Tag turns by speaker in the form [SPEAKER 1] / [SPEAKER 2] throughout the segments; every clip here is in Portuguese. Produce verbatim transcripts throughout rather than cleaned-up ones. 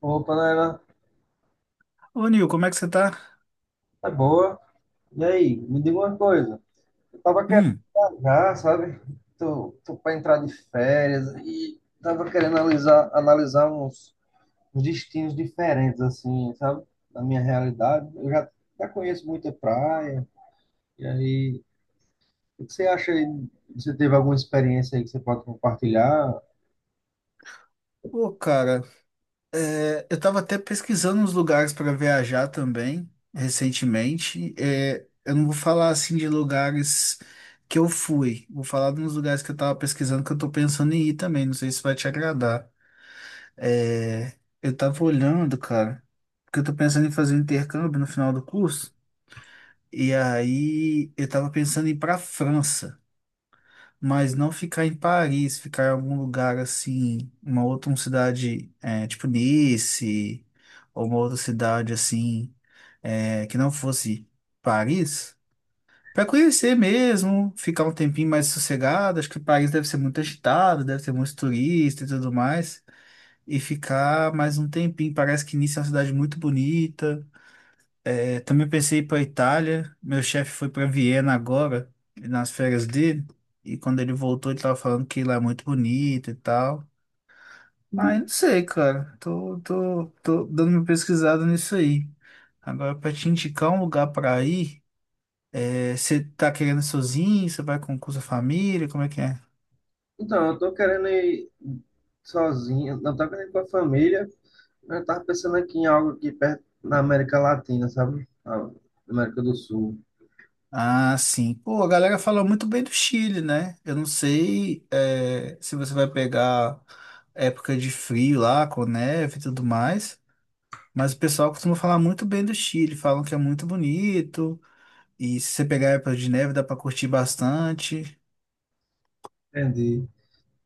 [SPEAKER 1] Opa, né?
[SPEAKER 2] Ô, Nil, como é que você tá?
[SPEAKER 1] É boa. E aí, me diga uma coisa. Eu tava querendo
[SPEAKER 2] Hum,
[SPEAKER 1] viajar, sabe? Tô, tô pra entrar de férias e tava querendo analisar, analisar uns, uns destinos diferentes, assim, sabe? Da minha realidade. Eu já, já conheço muita praia. E aí, o que você acha aí? Você teve alguma experiência aí que você pode compartilhar?
[SPEAKER 2] pô, cara, é, eu tava até pesquisando uns lugares pra viajar também, recentemente. É, eu não vou falar assim de lugares que eu fui, vou falar de uns lugares que eu tava pesquisando que eu tô pensando em ir também. Não sei se vai te agradar. É, eu tava olhando, cara, porque eu tô pensando em fazer um intercâmbio no final do curso, e aí eu tava pensando em ir pra França. Mas não ficar em Paris, ficar em algum lugar assim, uma outra uma cidade é, tipo Nice, ou uma outra cidade assim, é, que não fosse Paris, para conhecer mesmo, ficar um tempinho mais sossegado. Acho que Paris deve ser muito agitado, deve ter muito turista e tudo mais, e ficar mais um tempinho. Parece que Nice é uma cidade muito bonita. É, também pensei ir para Itália. Meu chefe foi para Viena agora, nas férias dele. E quando ele voltou, ele tava falando que lá é muito bonito e tal. Ah, eu não sei, cara. Tô, tô, tô dando uma pesquisada nisso aí. Agora, para te indicar um lugar para ir, é, você tá querendo ir sozinho? Você vai com, com sua família? Como é que é?
[SPEAKER 1] Então, eu tô querendo ir sozinho, não tô querendo ir com a família. Eu tava pensando aqui em algo aqui perto na América Latina, sabe? Na América do Sul.
[SPEAKER 2] Ah, sim. Pô, a galera fala muito bem do Chile, né? Eu não sei, é, se você vai pegar época de frio lá, com neve e tudo mais. Mas o pessoal costuma falar muito bem do Chile, falam que é muito bonito. E se você pegar a época de neve, dá pra curtir bastante.
[SPEAKER 1] Entendi.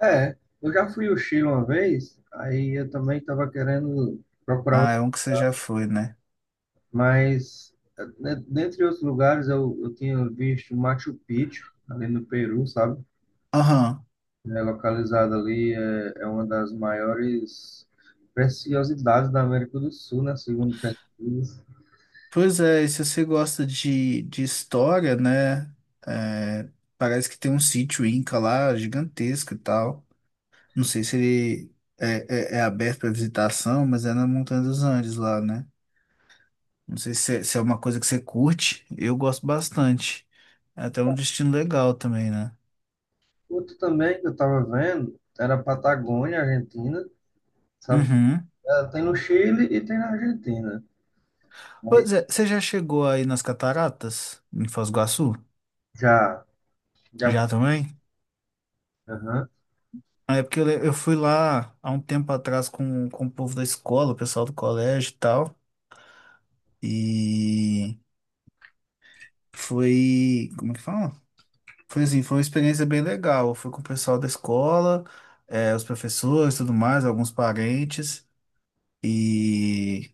[SPEAKER 1] É, eu já fui ao Chile uma vez, aí eu também tava querendo procurar
[SPEAKER 2] Ah,
[SPEAKER 1] outro,
[SPEAKER 2] é um que você já foi, né?
[SPEAKER 1] mas eh, de- dentre outros lugares eu, eu tinha visto Machu Picchu, ali no Peru, sabe?
[SPEAKER 2] Aham.
[SPEAKER 1] É localizado ali, é, é uma das maiores preciosidades da América do Sul, né? Segundo pesquisas.
[SPEAKER 2] Pois é, e se você gosta de, de história, né? é, parece que tem um sítio Inca lá, gigantesco e tal. Não sei se ele é, é, é aberto para visitação, mas é na Montanha dos Andes lá, né? Não sei se é, se é uma coisa que você curte. Eu gosto bastante. É até um destino legal também, né?
[SPEAKER 1] Outro também que eu tava vendo era a Patagônia, Argentina, sabe?
[SPEAKER 2] Uhum.
[SPEAKER 1] Ela tem no Chile e tem na Argentina. Aí
[SPEAKER 2] Pois é, você já chegou aí nas cataratas, em Foz do Iguaçu?
[SPEAKER 1] já, já,
[SPEAKER 2] Já também?
[SPEAKER 1] aham.
[SPEAKER 2] Ah, é porque eu, le- eu fui lá há um tempo atrás com, com o povo da escola, o pessoal do colégio e tal. E foi. Como é que fala? Foi assim, foi uma experiência bem legal. Eu fui com o pessoal da escola, eh, os professores e tudo mais, alguns parentes. E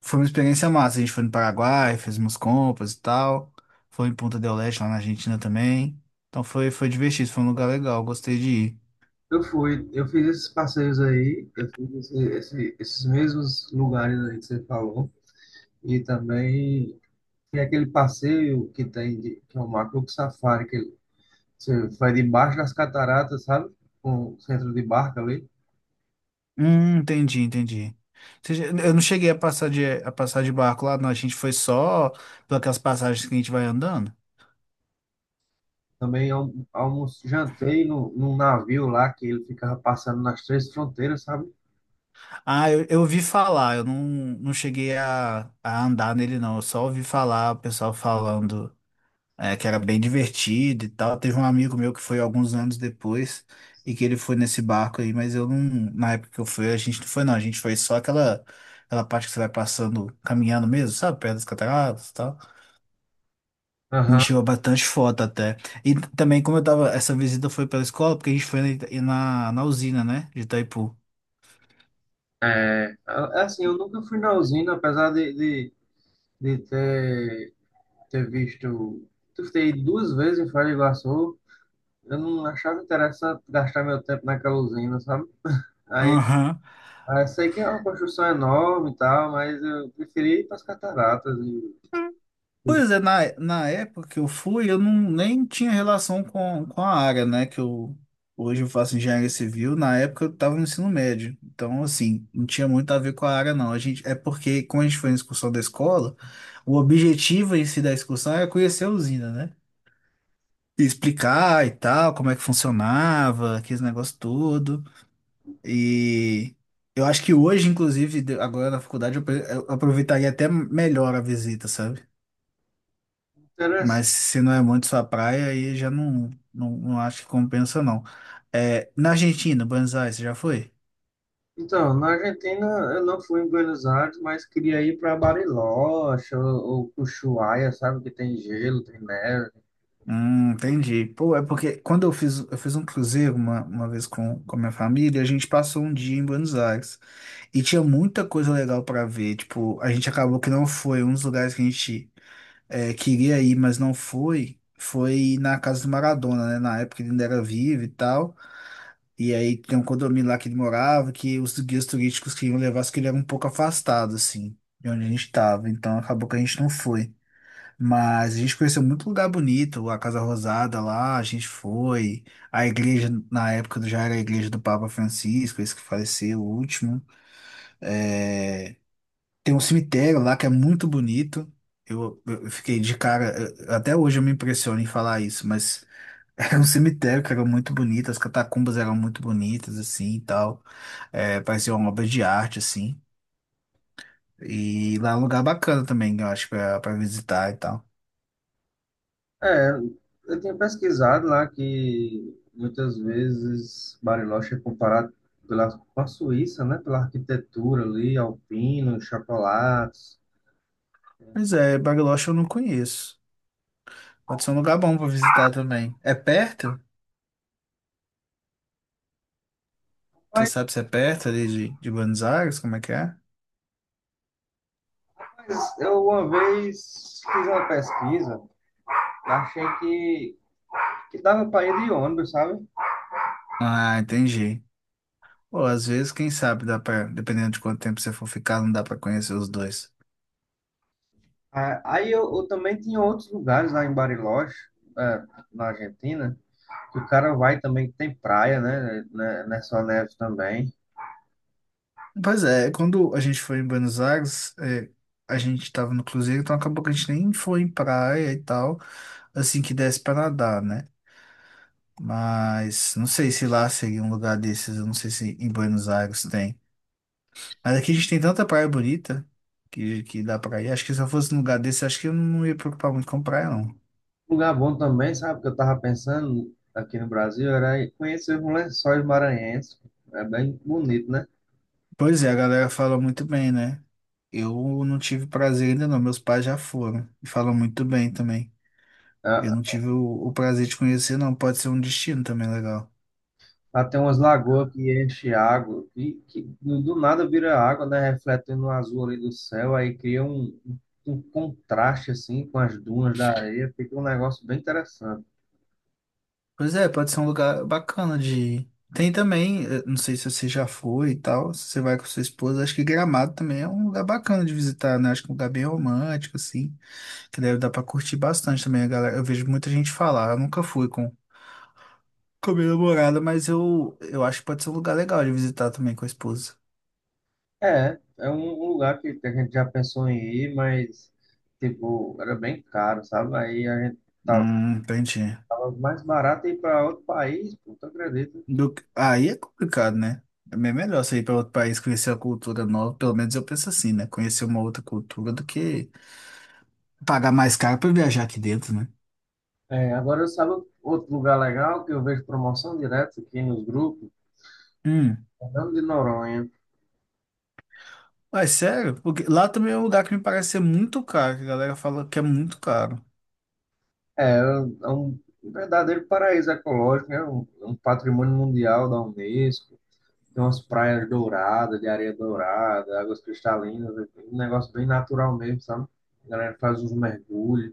[SPEAKER 2] foi uma experiência massa. A gente foi no Paraguai, fez umas compras e tal. Foi em Punta del Este, lá na Argentina também. Então foi, foi divertido, foi um lugar legal, gostei de ir.
[SPEAKER 1] Eu fui, eu fiz esses passeios aí, eu fiz esse- esse- esses mesmos lugares aí que você falou, e também tem aquele passeio que tem, de, que é o Macro Safari, que você vai debaixo das cataratas, sabe? Com o centro de barca ali.
[SPEAKER 2] Hum, entendi, entendi. Ou seja, eu não cheguei a passar de, a passar de barco lá, não. A gente foi só pelas passagens que a gente vai andando.
[SPEAKER 1] Também almo, almoço, jantei no, num navio lá, que ele ficava passando nas três fronteiras, sabe?
[SPEAKER 2] Ah, eu, eu ouvi falar, eu não, não cheguei a, a andar nele, não. Eu só ouvi falar o pessoal falando É, que era bem divertido e tal. Teve um amigo meu que foi alguns anos depois e que ele foi nesse barco aí, mas eu não. Na época que eu fui, a gente não foi, não. A gente foi só aquela, aquela parte que você vai passando, caminhando mesmo, sabe? Perto das cataratas e tal. A
[SPEAKER 1] Aham.
[SPEAKER 2] gente tirou bastante foto até. E também, como eu tava. Essa visita foi pela escola, porque a gente foi na, na, na usina, né? De Itaipu.
[SPEAKER 1] É é assim, eu nunca fui na usina, apesar de, de de ter, ter visto, de ter ido duas vezes em Foz do Iguaçu, eu não achava interessante gastar meu tempo naquela usina, sabe? Aí,
[SPEAKER 2] Aham.
[SPEAKER 1] aí sei que é uma construção enorme e tal, mas eu preferi ir para as cataratas e os
[SPEAKER 2] Pois é, na, na época que eu fui, eu não, nem tinha relação com, com a área, né? Que eu hoje eu faço engenharia civil, na época eu estava no ensino médio. Então, assim, não tinha muito a ver com a área, não. A gente, é porque, quando a gente foi na excursão da escola, o objetivo em si da excursão era conhecer a usina, né? E explicar e tal, como é que funcionava, aqueles negócios todo. E eu acho que hoje, inclusive, de- agora na faculdade, eu apre- eu aproveitaria até melhor a visita, sabe?
[SPEAKER 1] interessantes.
[SPEAKER 2] Mas se não é muito sua praia, aí já não, não, não acho que compensa, não. É, na Argentina, Buenos Aires, você já foi?
[SPEAKER 1] Então, na Argentina eu não fui em Buenos Aires, mas queria ir para Bariloche ou, ou Ushuaia, sabe? Que tem gelo, tem neve.
[SPEAKER 2] Hum, entendi. Pô, é porque quando eu fiz, eu fiz um cruzeiro uma, uma vez com, com a minha família, a gente passou um dia em Buenos Aires e tinha muita coisa legal para ver. Tipo, a gente acabou que não foi. Um dos lugares que a gente é, queria ir, mas não foi, foi na casa do Maradona, né? Na época ele ainda era vivo e tal. E aí tem um condomínio lá que ele morava, que os guias turísticos queriam levar, só que ele era um pouco afastado, assim, de onde a gente estava. Então acabou que a gente não foi. Mas a gente conheceu muito lugar bonito, a Casa Rosada lá, a gente foi. A igreja, na época, já era a igreja do Papa Francisco, esse que faleceu, o último. É, tem um cemitério lá que é muito bonito. Eu, eu fiquei de cara, eu- até hoje eu me impressiono em falar isso, mas era um cemitério que era muito bonito, as catacumbas eram muito bonitas, assim, e tal. É, parecia uma obra de arte, assim. E lá é um lugar bacana também, eu acho, pra, pra visitar e tal.
[SPEAKER 1] É, eu tinha pesquisado lá que muitas vezes Bariloche é comparado pela, com a Suíça, né? Pela arquitetura ali, alpino, chocolates.
[SPEAKER 2] Pois é, Bariloche eu não conheço. Pode ser um lugar bom pra visitar também. É perto? Você
[SPEAKER 1] Mas,
[SPEAKER 2] sabe se é perto ali de, de Buenos Aires? Como é que é?
[SPEAKER 1] mas eu uma vez fiz uma pesquisa, achei que, que dava para ir de ônibus, sabe?
[SPEAKER 2] Ah, entendi. Pô, às vezes, quem sabe, dá pra, dependendo de quanto tempo você for ficar, não dá pra conhecer os dois.
[SPEAKER 1] Ah, aí eu, eu também tinha outros lugares lá em Bariloche, é, na Argentina, que o cara vai também, que tem praia, né? Né- Nessa neve também.
[SPEAKER 2] Pois é, quando a gente foi em Buenos Aires, é, a gente tava no cruzeiro, então acabou que a gente nem foi em praia e tal, assim que desse pra nadar, né? Mas não sei se lá seria um lugar desses, eu não sei se em Buenos Aires tem. Mas aqui a gente tem tanta praia bonita que, que dá pra ir. Acho que se eu fosse num lugar desse, acho que eu não ia preocupar muito com praia, não.
[SPEAKER 1] Um lugar bom também, sabe? Que eu tava pensando aqui no Brasil era ir conhecer os Lençóis Maranhenses. É bem bonito, né?
[SPEAKER 2] Pois é, a galera fala muito bem, né? Eu não tive prazer ainda não, meus pais já foram e falam muito bem também. Eu não
[SPEAKER 1] Ah,
[SPEAKER 2] tive o, o prazer de conhecer, não. Pode ser um destino também legal.
[SPEAKER 1] lá tem umas lagoas que enche água, que, que do do nada vira água, né? Refletindo no azul ali do céu, aí cria um, um contraste assim com as dunas da areia, fica um negócio bem interessante.
[SPEAKER 2] Pois é, pode ser um lugar bacana de ir. Tem também, eh, não sei se você já foi e tal, se você vai com sua esposa, acho que Gramado também é um lugar bacana de visitar, né? Acho que é um lugar bem romântico, assim, que deve dar pra curtir bastante também, a galera. Eu vejo muita gente falar, eu nunca fui com, com a minha namorada, mas eu, eu acho que pode ser um lugar legal de visitar também com a esposa.
[SPEAKER 1] É, é um um lugar que a gente já pensou em ir, mas tipo, era bem caro, sabe? Aí a gente tava
[SPEAKER 2] Hum, entendi.
[SPEAKER 1] mais barato ir para outro país, pô, tu acredita?
[SPEAKER 2] Do... que- Aí é complicado, né? É bem melhor você ir para outro país conhecer a cultura nova, pelo menos eu penso assim, né? Conhecer uma outra cultura do que pagar mais caro para viajar aqui dentro, né?
[SPEAKER 1] É, agora eu sabe, outro lugar legal que eu vejo promoção direto aqui nos grupos,
[SPEAKER 2] Hum.
[SPEAKER 1] Fernando de Noronha.
[SPEAKER 2] Mas sério, porque lá também é um lugar que me parece ser muito caro, que a galera fala que é muito caro.
[SPEAKER 1] É, é um é um verdadeiro paraíso ecológico, né? Um, um patrimônio mundial da Unesco. Tem umas praias douradas, de areia dourada, águas cristalinas, é um negócio bem natural mesmo, sabe? A galera faz uns mergulhos,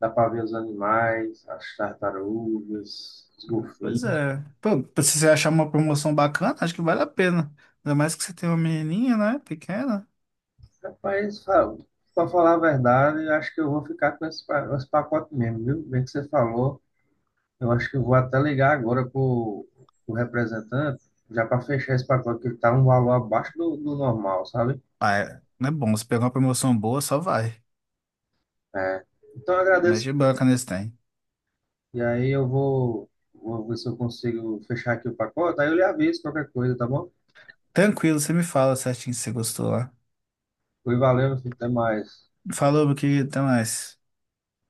[SPEAKER 1] dá para ver os animais, as tartarugas, os
[SPEAKER 2] Pois
[SPEAKER 1] golfinhos.
[SPEAKER 2] é. Pô, se você achar uma promoção bacana, acho que vale a pena. Ainda mais que você tem uma menininha, né? Pequena.
[SPEAKER 1] Rapaz, para falar a verdade, eu acho que eu vou ficar com esse, pa- esse pacote mesmo, viu? Bem que você falou. Eu acho que eu vou até ligar agora para o representante, já para fechar esse pacote, que está um valor abaixo do, do normal, sabe?
[SPEAKER 2] Ah, é. Não é bom. Se pegar uma promoção boa, só vai.
[SPEAKER 1] É. Então eu agradeço.
[SPEAKER 2] Mete banca nesse tem.
[SPEAKER 1] E aí eu vou, vou ver se eu consigo fechar aqui o pacote, aí eu lhe aviso qualquer coisa, tá bom?
[SPEAKER 2] Tranquilo, você me fala certinho se você gostou lá.
[SPEAKER 1] Foi, valeu, meu filho, até mais.
[SPEAKER 2] Falou, meu querido, até mais.